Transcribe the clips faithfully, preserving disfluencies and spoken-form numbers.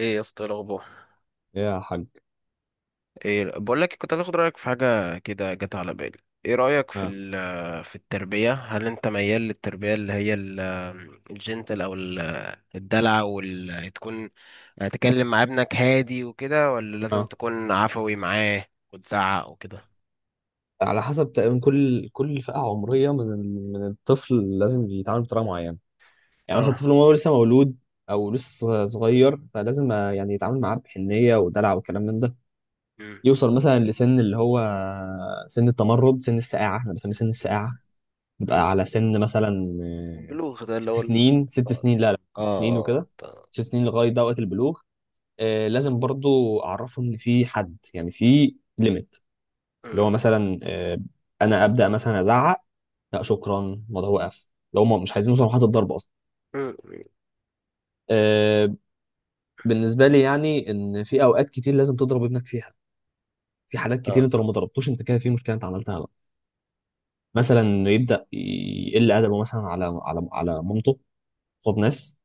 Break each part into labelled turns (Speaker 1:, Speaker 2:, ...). Speaker 1: ايه يا اسطى، إيه الاخبار؟
Speaker 2: يا حاج.
Speaker 1: ايه، بقول لك، كنت هتاخد رايك في حاجه كده جت على بالي. ايه رايك في
Speaker 2: اه،
Speaker 1: ال- في التربيه؟ هل انت ميال للتربيه اللي هي ال- الجنتل او ال- الدلع وال تكون تكلم مع ابنك هادي وكده، ولا لازم
Speaker 2: اه،
Speaker 1: تكون عفوي معاه وتزعق وكده؟
Speaker 2: على حسب تقريبا كل كل فئة عمرية من ال- من الطفل لازم يتعامل بطريقة معينة. يعني مثلا
Speaker 1: اه.
Speaker 2: الطفل وهو لسه مولود أو لسه صغير، فلازم آه، يعني يتعامل معاه بحنية ودلع وكلام من ده.
Speaker 1: امم
Speaker 2: يوصل مثلا لسن اللي هو سن التمرد، سن السقاعة، احنا بنسميه سن السقاعة،
Speaker 1: امم
Speaker 2: يبقى على سن مثلا آه،
Speaker 1: البلوغ ده اللي
Speaker 2: ست
Speaker 1: هو ال-
Speaker 2: سنين. ست
Speaker 1: اه،
Speaker 2: سنين لا لا ست
Speaker 1: اه،
Speaker 2: سنين
Speaker 1: اه،
Speaker 2: وكده.
Speaker 1: آه.
Speaker 2: ست سنين لغاية ده وقت البلوغ. آه، لازم برضو أعرفه إن في حد، يعني في ليميت، اللي هو مثلا آه، انا ابدا مثلا ازعق. لا شكرا، الموضوع وقف لو هم مش عايزين يوصلوا لحد الضرب اصلا.
Speaker 1: امم امم
Speaker 2: آه، بالنسبه لي يعني ان في اوقات كتير لازم تضرب ابنك فيها. في حالات كتير انت لو ما ضربتوش انت كده في مشكله، انت عملتها بقى. مثلا يبدا يقل ادبه مثلا على على على مامته قصاد ناس.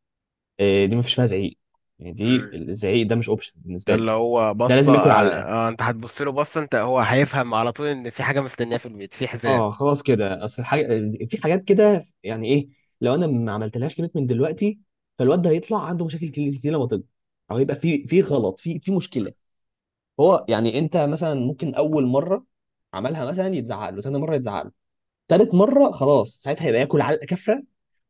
Speaker 2: آه، دي ما فيش فيها زعيق. يعني دي
Speaker 1: اه،
Speaker 2: الزعيق ده مش اوبشن
Speaker 1: ده
Speaker 2: بالنسبه لي.
Speaker 1: اللي هو
Speaker 2: ده
Speaker 1: بصة
Speaker 2: لازم ياكل على.
Speaker 1: آه. آه، انت هتبص له بصة انت، هو هيفهم على طول ان في حاجة مستنياه في البيت، في حزام.
Speaker 2: اه خلاص كده اصل الحاجة. في حاجات كده يعني ايه؟ لو انا ما عملتلهاش ليميت من دلوقتي، فالواد ده هيطلع عنده مشاكل كتير كتير لما تكبر، او هيبقى في في غلط في في مشكله. هو يعني انت مثلا ممكن اول مره عملها مثلا يتزعق له، تاني مره يتزعق له، تالت مره خلاص ساعتها هيبقى ياكل علقه كفره.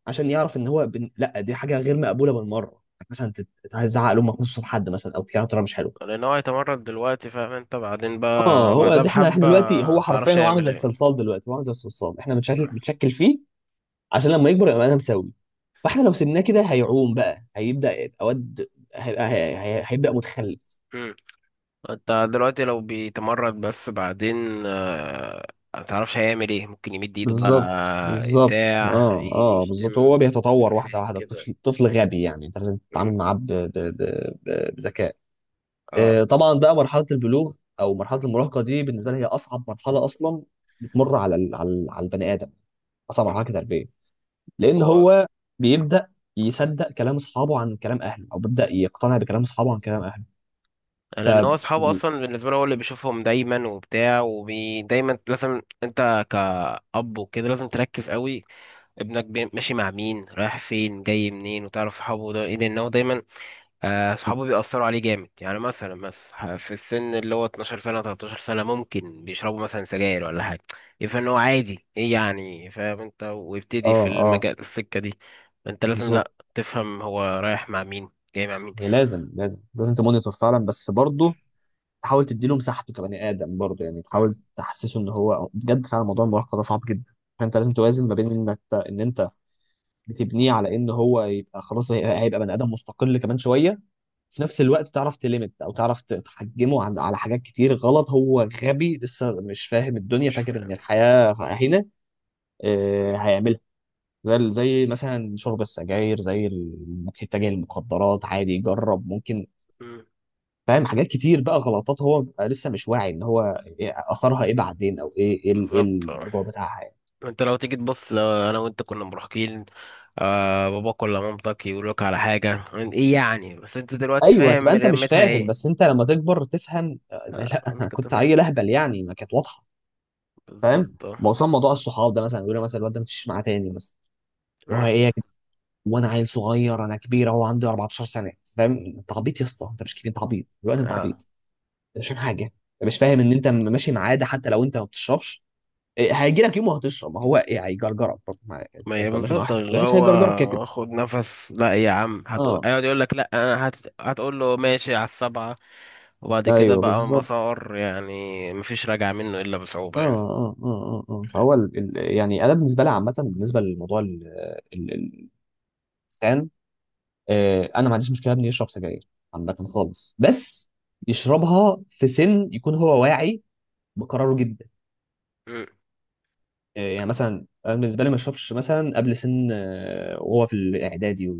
Speaker 2: عشان يعرف ان هو بن... لا، دي حاجه غير مقبوله بالمره. يعني مثلا تت- هتزعق لامك نص صوت حد مثلا، او تكلمها بطريقه مش حلوه.
Speaker 1: لان هو هيتمرد دلوقتي، فاهم انت؟ بعدين
Speaker 2: اه
Speaker 1: بقى
Speaker 2: هو
Speaker 1: بعدها
Speaker 2: ده. احنا احنا
Speaker 1: بحبة
Speaker 2: دلوقتي هو حرفيا
Speaker 1: متعرفش
Speaker 2: هو عامل
Speaker 1: يعمل
Speaker 2: زي
Speaker 1: ايه.
Speaker 2: الصلصال. دلوقتي هو عامل زي الصلصال، احنا بنشكل بنشكل فيه عشان لما يكبر يبقى انا مساوي. فاحنا لو سيبناه كده هيعوم بقى، هيبدا يبقى واد، هيبقى هي- هي- هيبدا متخلف.
Speaker 1: مم. انت دلوقتي لو بيتمرد بس بعدين آه، متعرفش هيعمل ايه، ممكن يمد ايده
Speaker 2: بالظبط
Speaker 1: بقى
Speaker 2: بالظبط
Speaker 1: بتاع
Speaker 2: اه، اه،
Speaker 1: يشتم
Speaker 2: بالظبط. هو
Speaker 1: مش
Speaker 2: بيتطور
Speaker 1: عارف
Speaker 2: واحده
Speaker 1: ايه
Speaker 2: واحده.
Speaker 1: كده.
Speaker 2: الطفل طفل غبي، يعني انت لازم
Speaker 1: مم.
Speaker 2: تتعامل معاه ب- ب- ب- ب- بذكاء.
Speaker 1: اه،
Speaker 2: آه طبعا بقى مرحله البلوغ او مرحله المراهقه دي بالنسبه لي هي اصعب مرحله اصلا بتمر على ال- على ال- على البني ادم، اصعب مرحله كتربيه، لان
Speaker 1: هو
Speaker 2: هو بيبدا يصدق كلام اصحابه عن كلام اهله، او بيبدا يقتنع بكلام اصحابه عن كلام اهله. ف
Speaker 1: لان هو اصحابه اصلا بالنسبه له هو اللي بيشوفهم دايما وبتاع، ودايما لازم انت كأب وكده لازم تركز قوي. ابنك بي- ماشي مع مين، رايح فين، جاي منين، وتعرف صحابه ده ايه، لان هو دايما آه، صحابه بيأثروا عليه جامد. يعني مثلا مثلا في السن اللي هو اتناشر سنه ثلاثة عشر سنه ممكن بيشربوا مثلا سجاير ولا حاجه، يفهم ان هو عادي، ايه يعني، فاهم انت، ويبتدي
Speaker 2: اه،
Speaker 1: في
Speaker 2: اه،
Speaker 1: المجال السكه دي. انت لازم، لا،
Speaker 2: بالظبط.
Speaker 1: تفهم هو رايح مع مين، جاي مع مين.
Speaker 2: هي لازم لازم لازم تمونيتور فعلا، بس برضه تحاول تديله مساحته كبني ادم برضه. يعني تحاول
Speaker 1: مم.
Speaker 2: تحسسه ان هو بجد فعلا موضوع المراهقه ده صعب جدا. فانت لازم توازن ما بين انك ان انت بتبنيه على ان هو يبقى خلاص هي- هيبقى بني ادم مستقل كمان شويه، في نفس الوقت تعرف تليمت او تعرف ت- تحجمه عن- على حاجات كتير غلط. هو غبي لسه مش فاهم الدنيا،
Speaker 1: مش
Speaker 2: فاكر ان الحياه هنا آه،
Speaker 1: فاهم.
Speaker 2: هيعملها زي ال- زي مثلا شرب السجاير، زي ال- انك تتجه للمخدرات عادي، جرب ممكن، فاهم؟ حاجات كتير بقى غلطات هو بيبقى لسه مش واعي ان هو إيه اثرها، ايه بعدين، او ايه ايه ال- إيه
Speaker 1: بالظبط آه.
Speaker 2: المرجوع بتاعها يعني.
Speaker 1: انت لو تيجي تبص، لو انا وانت كنا مراهقين آه باباك ولا مامتك يقول لك على حاجه، ايه يعني؟ بس انت دلوقتي
Speaker 2: ايوه، تبقى
Speaker 1: فاهم
Speaker 2: انت مش
Speaker 1: رمتها
Speaker 2: فاهم،
Speaker 1: ايه.
Speaker 2: بس انت
Speaker 1: آه.
Speaker 2: لما تكبر تفهم. آه، لا
Speaker 1: آه، انت
Speaker 2: انا
Speaker 1: كنت
Speaker 2: كنت عيل
Speaker 1: فاهم،
Speaker 2: اهبل يعني، ما كانت واضحه. فاهم؟
Speaker 1: بالظبط، اه.
Speaker 2: ما وصل موضوع الصحاب ده مثلا يقول لي مثلا الواد ده ما تمشيش معاه تاني مثلا، اللي هو
Speaker 1: مم.
Speaker 2: ايه يا جدع؟ وانا عيل صغير، انا كبير اهو عندي 14 سنه، فاهم؟ انت عبيط يا اسطى، انت مش كبير، انت عبيط دلوقتي، انت
Speaker 1: اه،
Speaker 2: عبيط عشان حاجه انت مش فاهم ان انت ماشي مع عاده. حتى لو انت ما بتشربش، إيه، هيجي لك يوم وهتشرب. ما هو ايه هيجرجرك برضه مع- يعني،
Speaker 1: ما هي
Speaker 2: انت لو ماشي مع
Speaker 1: بالظبط
Speaker 2: واحد
Speaker 1: اللي
Speaker 2: وحش هيجرجرك كده كده.
Speaker 1: هو خد نفس لا يا عم، هت...
Speaker 2: اه،
Speaker 1: هيقعد يقول لك لا، انا هت... هتقول له ماشي على السبعه، وبعد كده
Speaker 2: ايوه
Speaker 1: بقى
Speaker 2: بالظبط.
Speaker 1: مسار يعني مفيش راجع منه الا
Speaker 2: اه
Speaker 1: بصعوبه يعني.
Speaker 2: اه اه اه اه فهو ال... ال... يعني انا بالنسبه لي عامه بالنسبه للموضوع ال... ال... ال- الانسان. آه انا ما عنديش مشكله ابني يشرب سجاير عامه خالص، بس يشربها في سن يكون هو واعي بقراره جدا.
Speaker 1: مم.
Speaker 2: آه يعني مثلا انا بالنسبه لي ما يشربش مثلا قبل سن آه وهو في الاعدادي.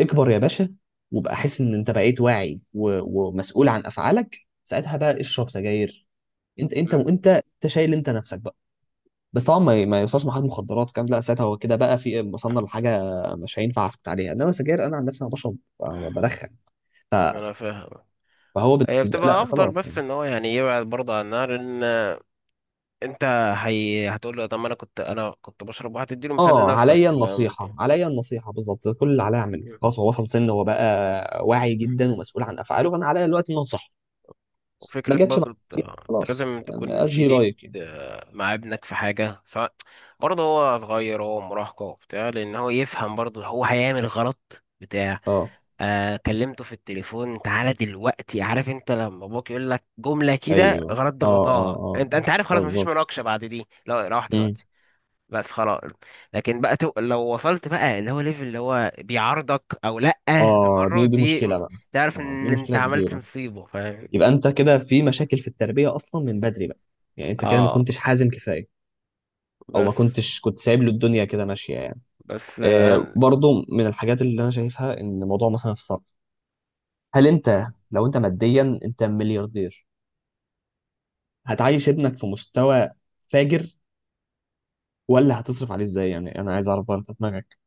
Speaker 2: اكبر يا باشا، وبقى حس ان انت بقيت واعي و... ومسؤول عن افعالك، ساعتها بقى اشرب سجاير. انت انت
Speaker 1: مم.
Speaker 2: وانت انت شايل انت نفسك بقى. بس طبعا ما, ما يوصلش محل مخدرات كام. لا ساعتها هو كده بقى في، وصلنا لحاجه مش هينفع اسكت عليها، انما سجاير انا عن نفسي انا بشرب ب- بدخن، ف...
Speaker 1: انا فاهم.
Speaker 2: فهو
Speaker 1: هي
Speaker 2: بالنسبه
Speaker 1: بتبقى
Speaker 2: لا
Speaker 1: ابطال
Speaker 2: خلاص
Speaker 1: بس
Speaker 2: يعني.
Speaker 1: ان هو يعني يبعد برضه عن النار، ان انت هي... هتقول له طب ما انا كنت انا كنت بشرب، وهتديله مثال
Speaker 2: اه
Speaker 1: لنفسك،
Speaker 2: عليا
Speaker 1: فاهم انت؟
Speaker 2: النصيحه، عليا النصيحه، بالظبط. ده كل اللي عليا اعمله،
Speaker 1: مم.
Speaker 2: خلاص هو وصل سن هو بقى واعي جدا ومسؤول عن افعاله، فانا عليا دلوقتي ان انصحه.
Speaker 1: وفكرة
Speaker 2: ما جاتش مع
Speaker 1: برضه انت
Speaker 2: النصيحة،
Speaker 1: انت
Speaker 2: خلاص
Speaker 1: لازم
Speaker 2: يعني
Speaker 1: تكون
Speaker 2: از هي
Speaker 1: شديد
Speaker 2: لايك يعني.
Speaker 1: آه، مع ابنك في حاجة. سواء برضه هو صغير هو مراهقة وبتاع، لأن هو يفهم برضه هو هيعمل غلط بتاع.
Speaker 2: اه،
Speaker 1: آه كلمته في التليفون تعالى دلوقتي، عارف انت لما ابوك يقول لك جملة كده
Speaker 2: ايوه،
Speaker 1: غلط
Speaker 2: اه، اه،
Speaker 1: ضغطاها،
Speaker 2: اه،
Speaker 1: انت انت عارف خلاص مفيش
Speaker 2: بالظبط.
Speaker 1: مناقشة بعد دي، لا روح
Speaker 2: مم.
Speaker 1: دلوقتي. بس خلاص. لكن بقى تو... لو وصلت بقى اللي هو ليفل اللي هو بيعارضك او لأ،
Speaker 2: اه دي
Speaker 1: تمرد
Speaker 2: دي
Speaker 1: دي،
Speaker 2: مشكله بقى.
Speaker 1: تعرف
Speaker 2: اه دي
Speaker 1: ان انت
Speaker 2: مشكله
Speaker 1: عملت
Speaker 2: كبيره.
Speaker 1: مصيبة، فاهم؟
Speaker 2: يبقى انت كده في مشاكل في التربيه اصلا من بدري بقى. يعني انت كده ما
Speaker 1: اه،
Speaker 2: كنتش حازم كفايه، او ما
Speaker 1: بس
Speaker 2: كنتش كنت سايب له الدنيا كده ماشيه يعني.
Speaker 1: بس آه،
Speaker 2: آه
Speaker 1: أنا...
Speaker 2: برضو من الحاجات اللي انا شايفها ان موضوع مثلا الصرف، هل انت لو انت ماديا انت ملياردير هتعيش ابنك في مستوى فاجر؟ ولا هتصرف عليه ازاي؟ يعني انا عايز اعرف برضه دماغك.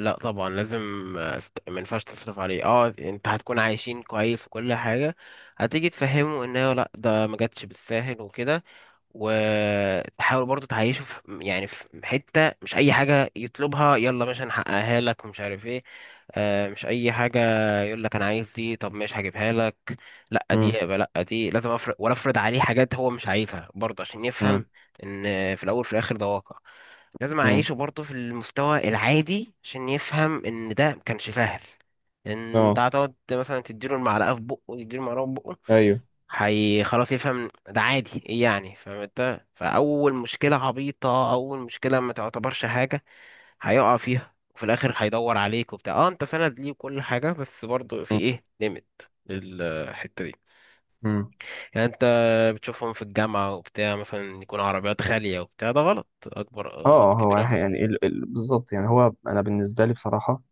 Speaker 1: لا طبعا لازم. آه، است- ما ينفعش تصرف عليه. اه، انت هتكون عايشين كويس وكل حاجة، هتيجي تفهمه ان هو لا، ده ما جاتش بالساهل وكده. وتحاول برضه تعيشه في يعني في حتة مش أي حاجة يطلبها يلا ماشي هنحققها لك ومش عارف ايه. آه، مش أي حاجة يقول لك أنا عايز دي طب ماشي هجيبها لك. لأ، دي
Speaker 2: امم
Speaker 1: يبقى لأ، دي لازم أفرض، ولا أفرض عليه حاجات هو مش عايزها برضه عشان
Speaker 2: امم
Speaker 1: يفهم إن في الأول في الآخر ده واقع. لازم
Speaker 2: امم
Speaker 1: أعيشه برضه في المستوى العادي عشان يفهم إن ده مكانش سهل. إن أنت
Speaker 2: اه،
Speaker 1: هتقعد مثلا تديله المعلقة في بقه، يديله المعلقة في بقه،
Speaker 2: ايوه،
Speaker 1: هي خلاص يفهم ده عادي، ايه يعني، فاهم انت، فاول مشكله عبيطه اول مشكله ما تعتبرش حاجه، هيقع فيها، وفي الاخر هيدور عليك وبتاع، اه انت سند ليه وكل حاجه، بس برضه في ايه ليميت للحته دي.
Speaker 2: مم.
Speaker 1: يعني انت بتشوفهم في الجامعه وبتاع مثلا يكون عربيات غاليه وبتاع، ده غلط، اكبر غلط،
Speaker 2: اه هو
Speaker 1: كبير أوي.
Speaker 2: يعني ال- ال- بالظبط. يعني هو انا بالنسبه لي بصراحه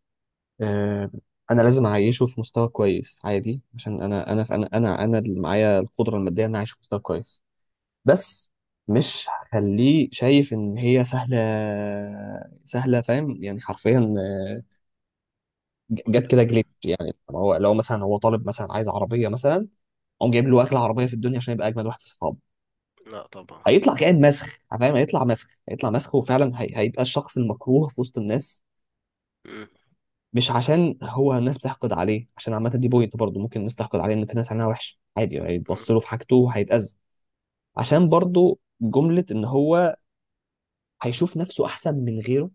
Speaker 2: آه، انا لازم اعيشه في مستوى كويس عادي، عشان انا انا انا انا انا اللي معايا القدره الماديه ان اعيش في مستوى كويس. بس مش هخليه شايف ان هي سهله سهله، فاهم؟ يعني حرفيا
Speaker 1: مم.
Speaker 2: ج- جت
Speaker 1: ولا-
Speaker 2: كده جليتش، يعني هو لو مثلا هو طالب مثلا عايز عربيه مثلا، قام جايب له اغلى عربيه في الدنيا عشان يبقى اجمد واحد في اصحابه،
Speaker 1: لا طبعا.
Speaker 2: هيطلع كائن مسخ. فاهم؟ هيطلع مسخ، هيطلع مسخ، وفعلا هي... هيبقى الشخص المكروه في وسط الناس.
Speaker 1: مم.
Speaker 2: مش عشان هو الناس بتحقد عليه، عشان عامة دي بوينت برضه ممكن الناس تحقد عليه. ان في ناس عينها وحش عادي
Speaker 1: مم.
Speaker 2: هيتبص له في حاجته وهيتأذى. عشان
Speaker 1: بالظبط.
Speaker 2: برضه جملة ان هو هيشوف نفسه احسن من غيره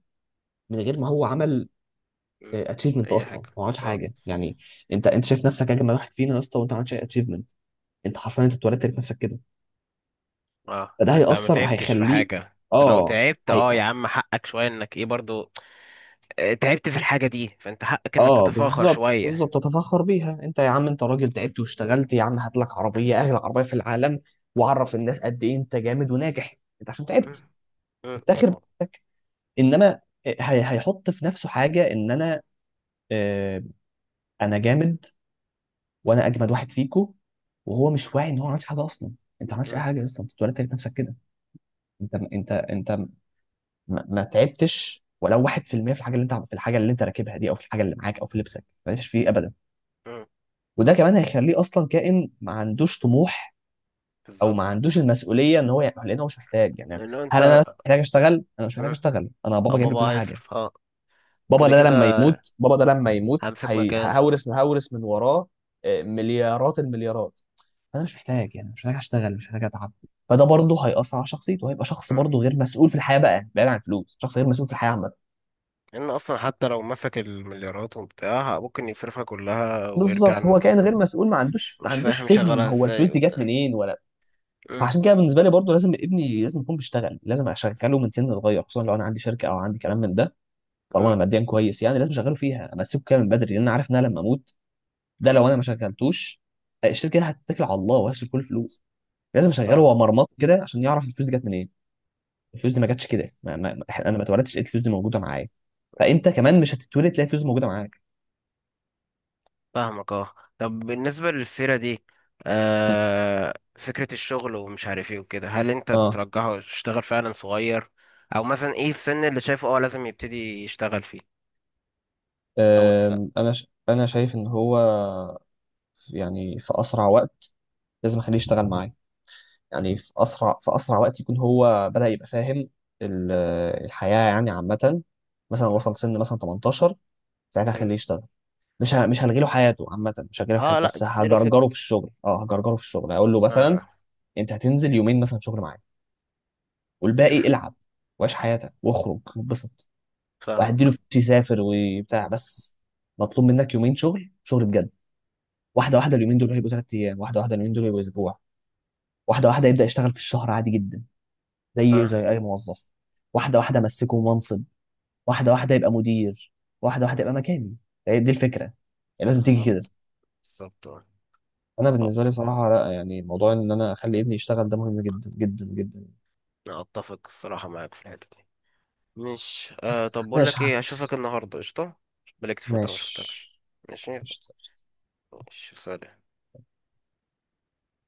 Speaker 2: من غير ما هو عمل
Speaker 1: مم.
Speaker 2: اتشيفمنت
Speaker 1: اي
Speaker 2: اصلا،
Speaker 1: حاجه.
Speaker 2: ما عملش
Speaker 1: آه.
Speaker 2: حاجة يعني. انت انت شايف نفسك اجمل واحد فينا يا اسطى، وانت ما عملتش اي اتشيفمنت. انت حرفيا انت اتولدت لقيت نفسك كده،
Speaker 1: اه،
Speaker 2: فده
Speaker 1: يعني انت ما
Speaker 2: هيأثر،
Speaker 1: تعبتش في
Speaker 2: هيخليه.
Speaker 1: حاجة، انت لو
Speaker 2: اه،
Speaker 1: تعبت اه يا عم حقك شوية، انك ايه برضو آه، تعبت في الحاجة دي فانت حقك انك
Speaker 2: اه
Speaker 1: تتفاخر
Speaker 2: بالظبط
Speaker 1: شوية.
Speaker 2: بالظبط، تتفخر بيها. انت يا عم انت راجل تعبت واشتغلت، يا عم هات لك عربيه، اغلى عربيه في العالم، وعرف الناس قد ايه انت جامد وناجح. انت عشان
Speaker 1: أه،
Speaker 2: تعبت،
Speaker 1: أه،
Speaker 2: افتخر
Speaker 1: أه،
Speaker 2: بنفسك. انما آه، هي هيحط في نفسه حاجه ان انا آه انا جامد، وانا اجمد واحد فيكو، وهو مش واعي ان هو ما عملش حاجه اصلا. انت ما عملتش اي
Speaker 1: أه،
Speaker 2: حاجه اصلا، انت ولا تعبت نفسك كده. انت انت انت ما, ما تعبتش ولو واحد في المية في المية في الحاجه اللي انت، في الحاجه اللي انت راكبها دي، او في الحاجه اللي معاك، او في لبسك، مالكش فيه ابدا.
Speaker 1: أه.
Speaker 2: وده كمان هيخليه اصلا كائن ما عندوش طموح، او ما
Speaker 1: بالظبط،
Speaker 2: عندوش
Speaker 1: اه.
Speaker 2: المسؤوليه ان هو يعني، لان هو مش محتاج يعني.
Speaker 1: انه انت
Speaker 2: هل انا
Speaker 1: أه.
Speaker 2: محتاج اشتغل؟ انا مش محتاج اشتغل، انا
Speaker 1: اه،
Speaker 2: بابا جايب لي
Speaker 1: بابا
Speaker 2: كل حاجه.
Speaker 1: هيصرف، اه.
Speaker 2: بابا
Speaker 1: كده
Speaker 2: ده
Speaker 1: كده
Speaker 2: لما يموت، بابا ده لما يموت
Speaker 1: همسك
Speaker 2: هي-
Speaker 1: مكان.
Speaker 2: هورث، هورث من وراه آه، مليارات، المليارات. انا مش محتاج يعني، مش محتاج اشتغل، مش محتاج اتعب. فده برضه هيأثر على شخصيته، وهيبقى شخص
Speaker 1: أه.
Speaker 2: برضه غير مسؤول في الحياه بقى، بعيد عن الفلوس شخص غير مسؤول في الحياه عامه.
Speaker 1: ان اصلا حتى لو مسك المليارات وبتاع ممكن يصرفها كلها ويرجع
Speaker 2: بالظبط هو كائن
Speaker 1: للصفر.
Speaker 2: غير مسؤول، ما عندوش ما
Speaker 1: مش
Speaker 2: عندوش
Speaker 1: فاهم
Speaker 2: فهم
Speaker 1: شغالها
Speaker 2: هو
Speaker 1: ازاي
Speaker 2: الفلوس دي جت
Speaker 1: وبتاع.
Speaker 2: منين ولا.
Speaker 1: أه،
Speaker 2: فعشان كده بالنسبه لي برضو لازم ابني لازم يكون بيشتغل، لازم اشغله من سن صغير، خصوصا لو انا عندي شركه او عندي كلام من ده. طالما انا
Speaker 1: أه،
Speaker 2: ماديا كويس يعني لازم اشغله فيها، امسكه كده من بدري، لان انا عارف ان انا لما اموت، ده
Speaker 1: أه.
Speaker 2: لو انا ما شغلتوش الشركه دي هتتكل على الله وهسيب كل الفلوس. لازم اشغله
Speaker 1: فاهم.
Speaker 2: هو مرمط كده عشان يعرف الفلوس دي جت منين. الفلوس دي ما جاتش كده، ما ما ما- انا ما اتولدتش لقيت الفلوس دي موجوده معايا، فانت كمان مش هتتولد تلاقي الفلوس دي موجوده معاك.
Speaker 1: فاهمك، اه. طب بالنسبة للسيرة دي آه فكرة الشغل ومش عارف ايه وكده، هل انت
Speaker 2: اه.
Speaker 1: ترجحه يشتغل فعلا صغير او مثلا ايه السن اللي شايفه اه لازم يبتدي يشتغل فيه، او تس...
Speaker 2: أم، انا ش... انا شايف ان هو في- يعني في اسرع وقت لازم اخليه يشتغل معايا. يعني في اسرع في اسرع وقت يكون هو بدأ يبقى فاهم ال- الحياة يعني عامة. مثلا وصل سن مثلا تمنتاشر، ساعتها
Speaker 1: مم.
Speaker 2: خليه يشتغل. مش ه- مش هلغي له حياته عامة، مش هلغي له
Speaker 1: اه،
Speaker 2: حياته،
Speaker 1: لا،
Speaker 2: بس
Speaker 1: تديله
Speaker 2: هجرجره
Speaker 1: فكرة،
Speaker 2: في الشغل. اه هجرجره في الشغل، هقول له
Speaker 1: اه
Speaker 2: مثلا
Speaker 1: آه.
Speaker 2: انت هتنزل يومين مثلا شغل معايا،
Speaker 1: شوف.
Speaker 2: والباقي العب وعيش حياتك واخرج واتبسط،
Speaker 1: فاهمك،
Speaker 2: وهديله
Speaker 1: اه،
Speaker 2: فلوس يسافر وبتاع. بس مطلوب منك يومين شغل، شغل بجد. واحدة واحدة اليومين دول هيبقوا تلات ايام، واحدة واحدة اليومين دول هيبقوا اسبوع، واحدة واحدة يبدأ يشتغل في الشهر عادي جدا زي
Speaker 1: اه،
Speaker 2: زي اي موظف. واحده واحده امسكه منصب، واحده واحده يبقى مدير، واحده واحده
Speaker 1: آه.
Speaker 2: يبقى مكاني. هي دي الفكره يعني، لازم تيجي كده.
Speaker 1: بالظبط بالظبط، اه.
Speaker 2: انا
Speaker 1: طب
Speaker 2: بالنسبه لي بصراحه لا يعني، موضوع ان انا اخلي ابني يشتغل ده مهم جدا جدا جدا.
Speaker 1: انا اتفق الصراحة معاك في الحتة دي. مش آه طب بقول
Speaker 2: ماشي
Speaker 1: لك
Speaker 2: يا حاج.
Speaker 1: ايه، اشوفك النهاردة قشطة. بقالك فترة ما شفتكش.
Speaker 2: ماشي.
Speaker 1: ماشي.
Speaker 2: قشطة.
Speaker 1: ماشي سلام.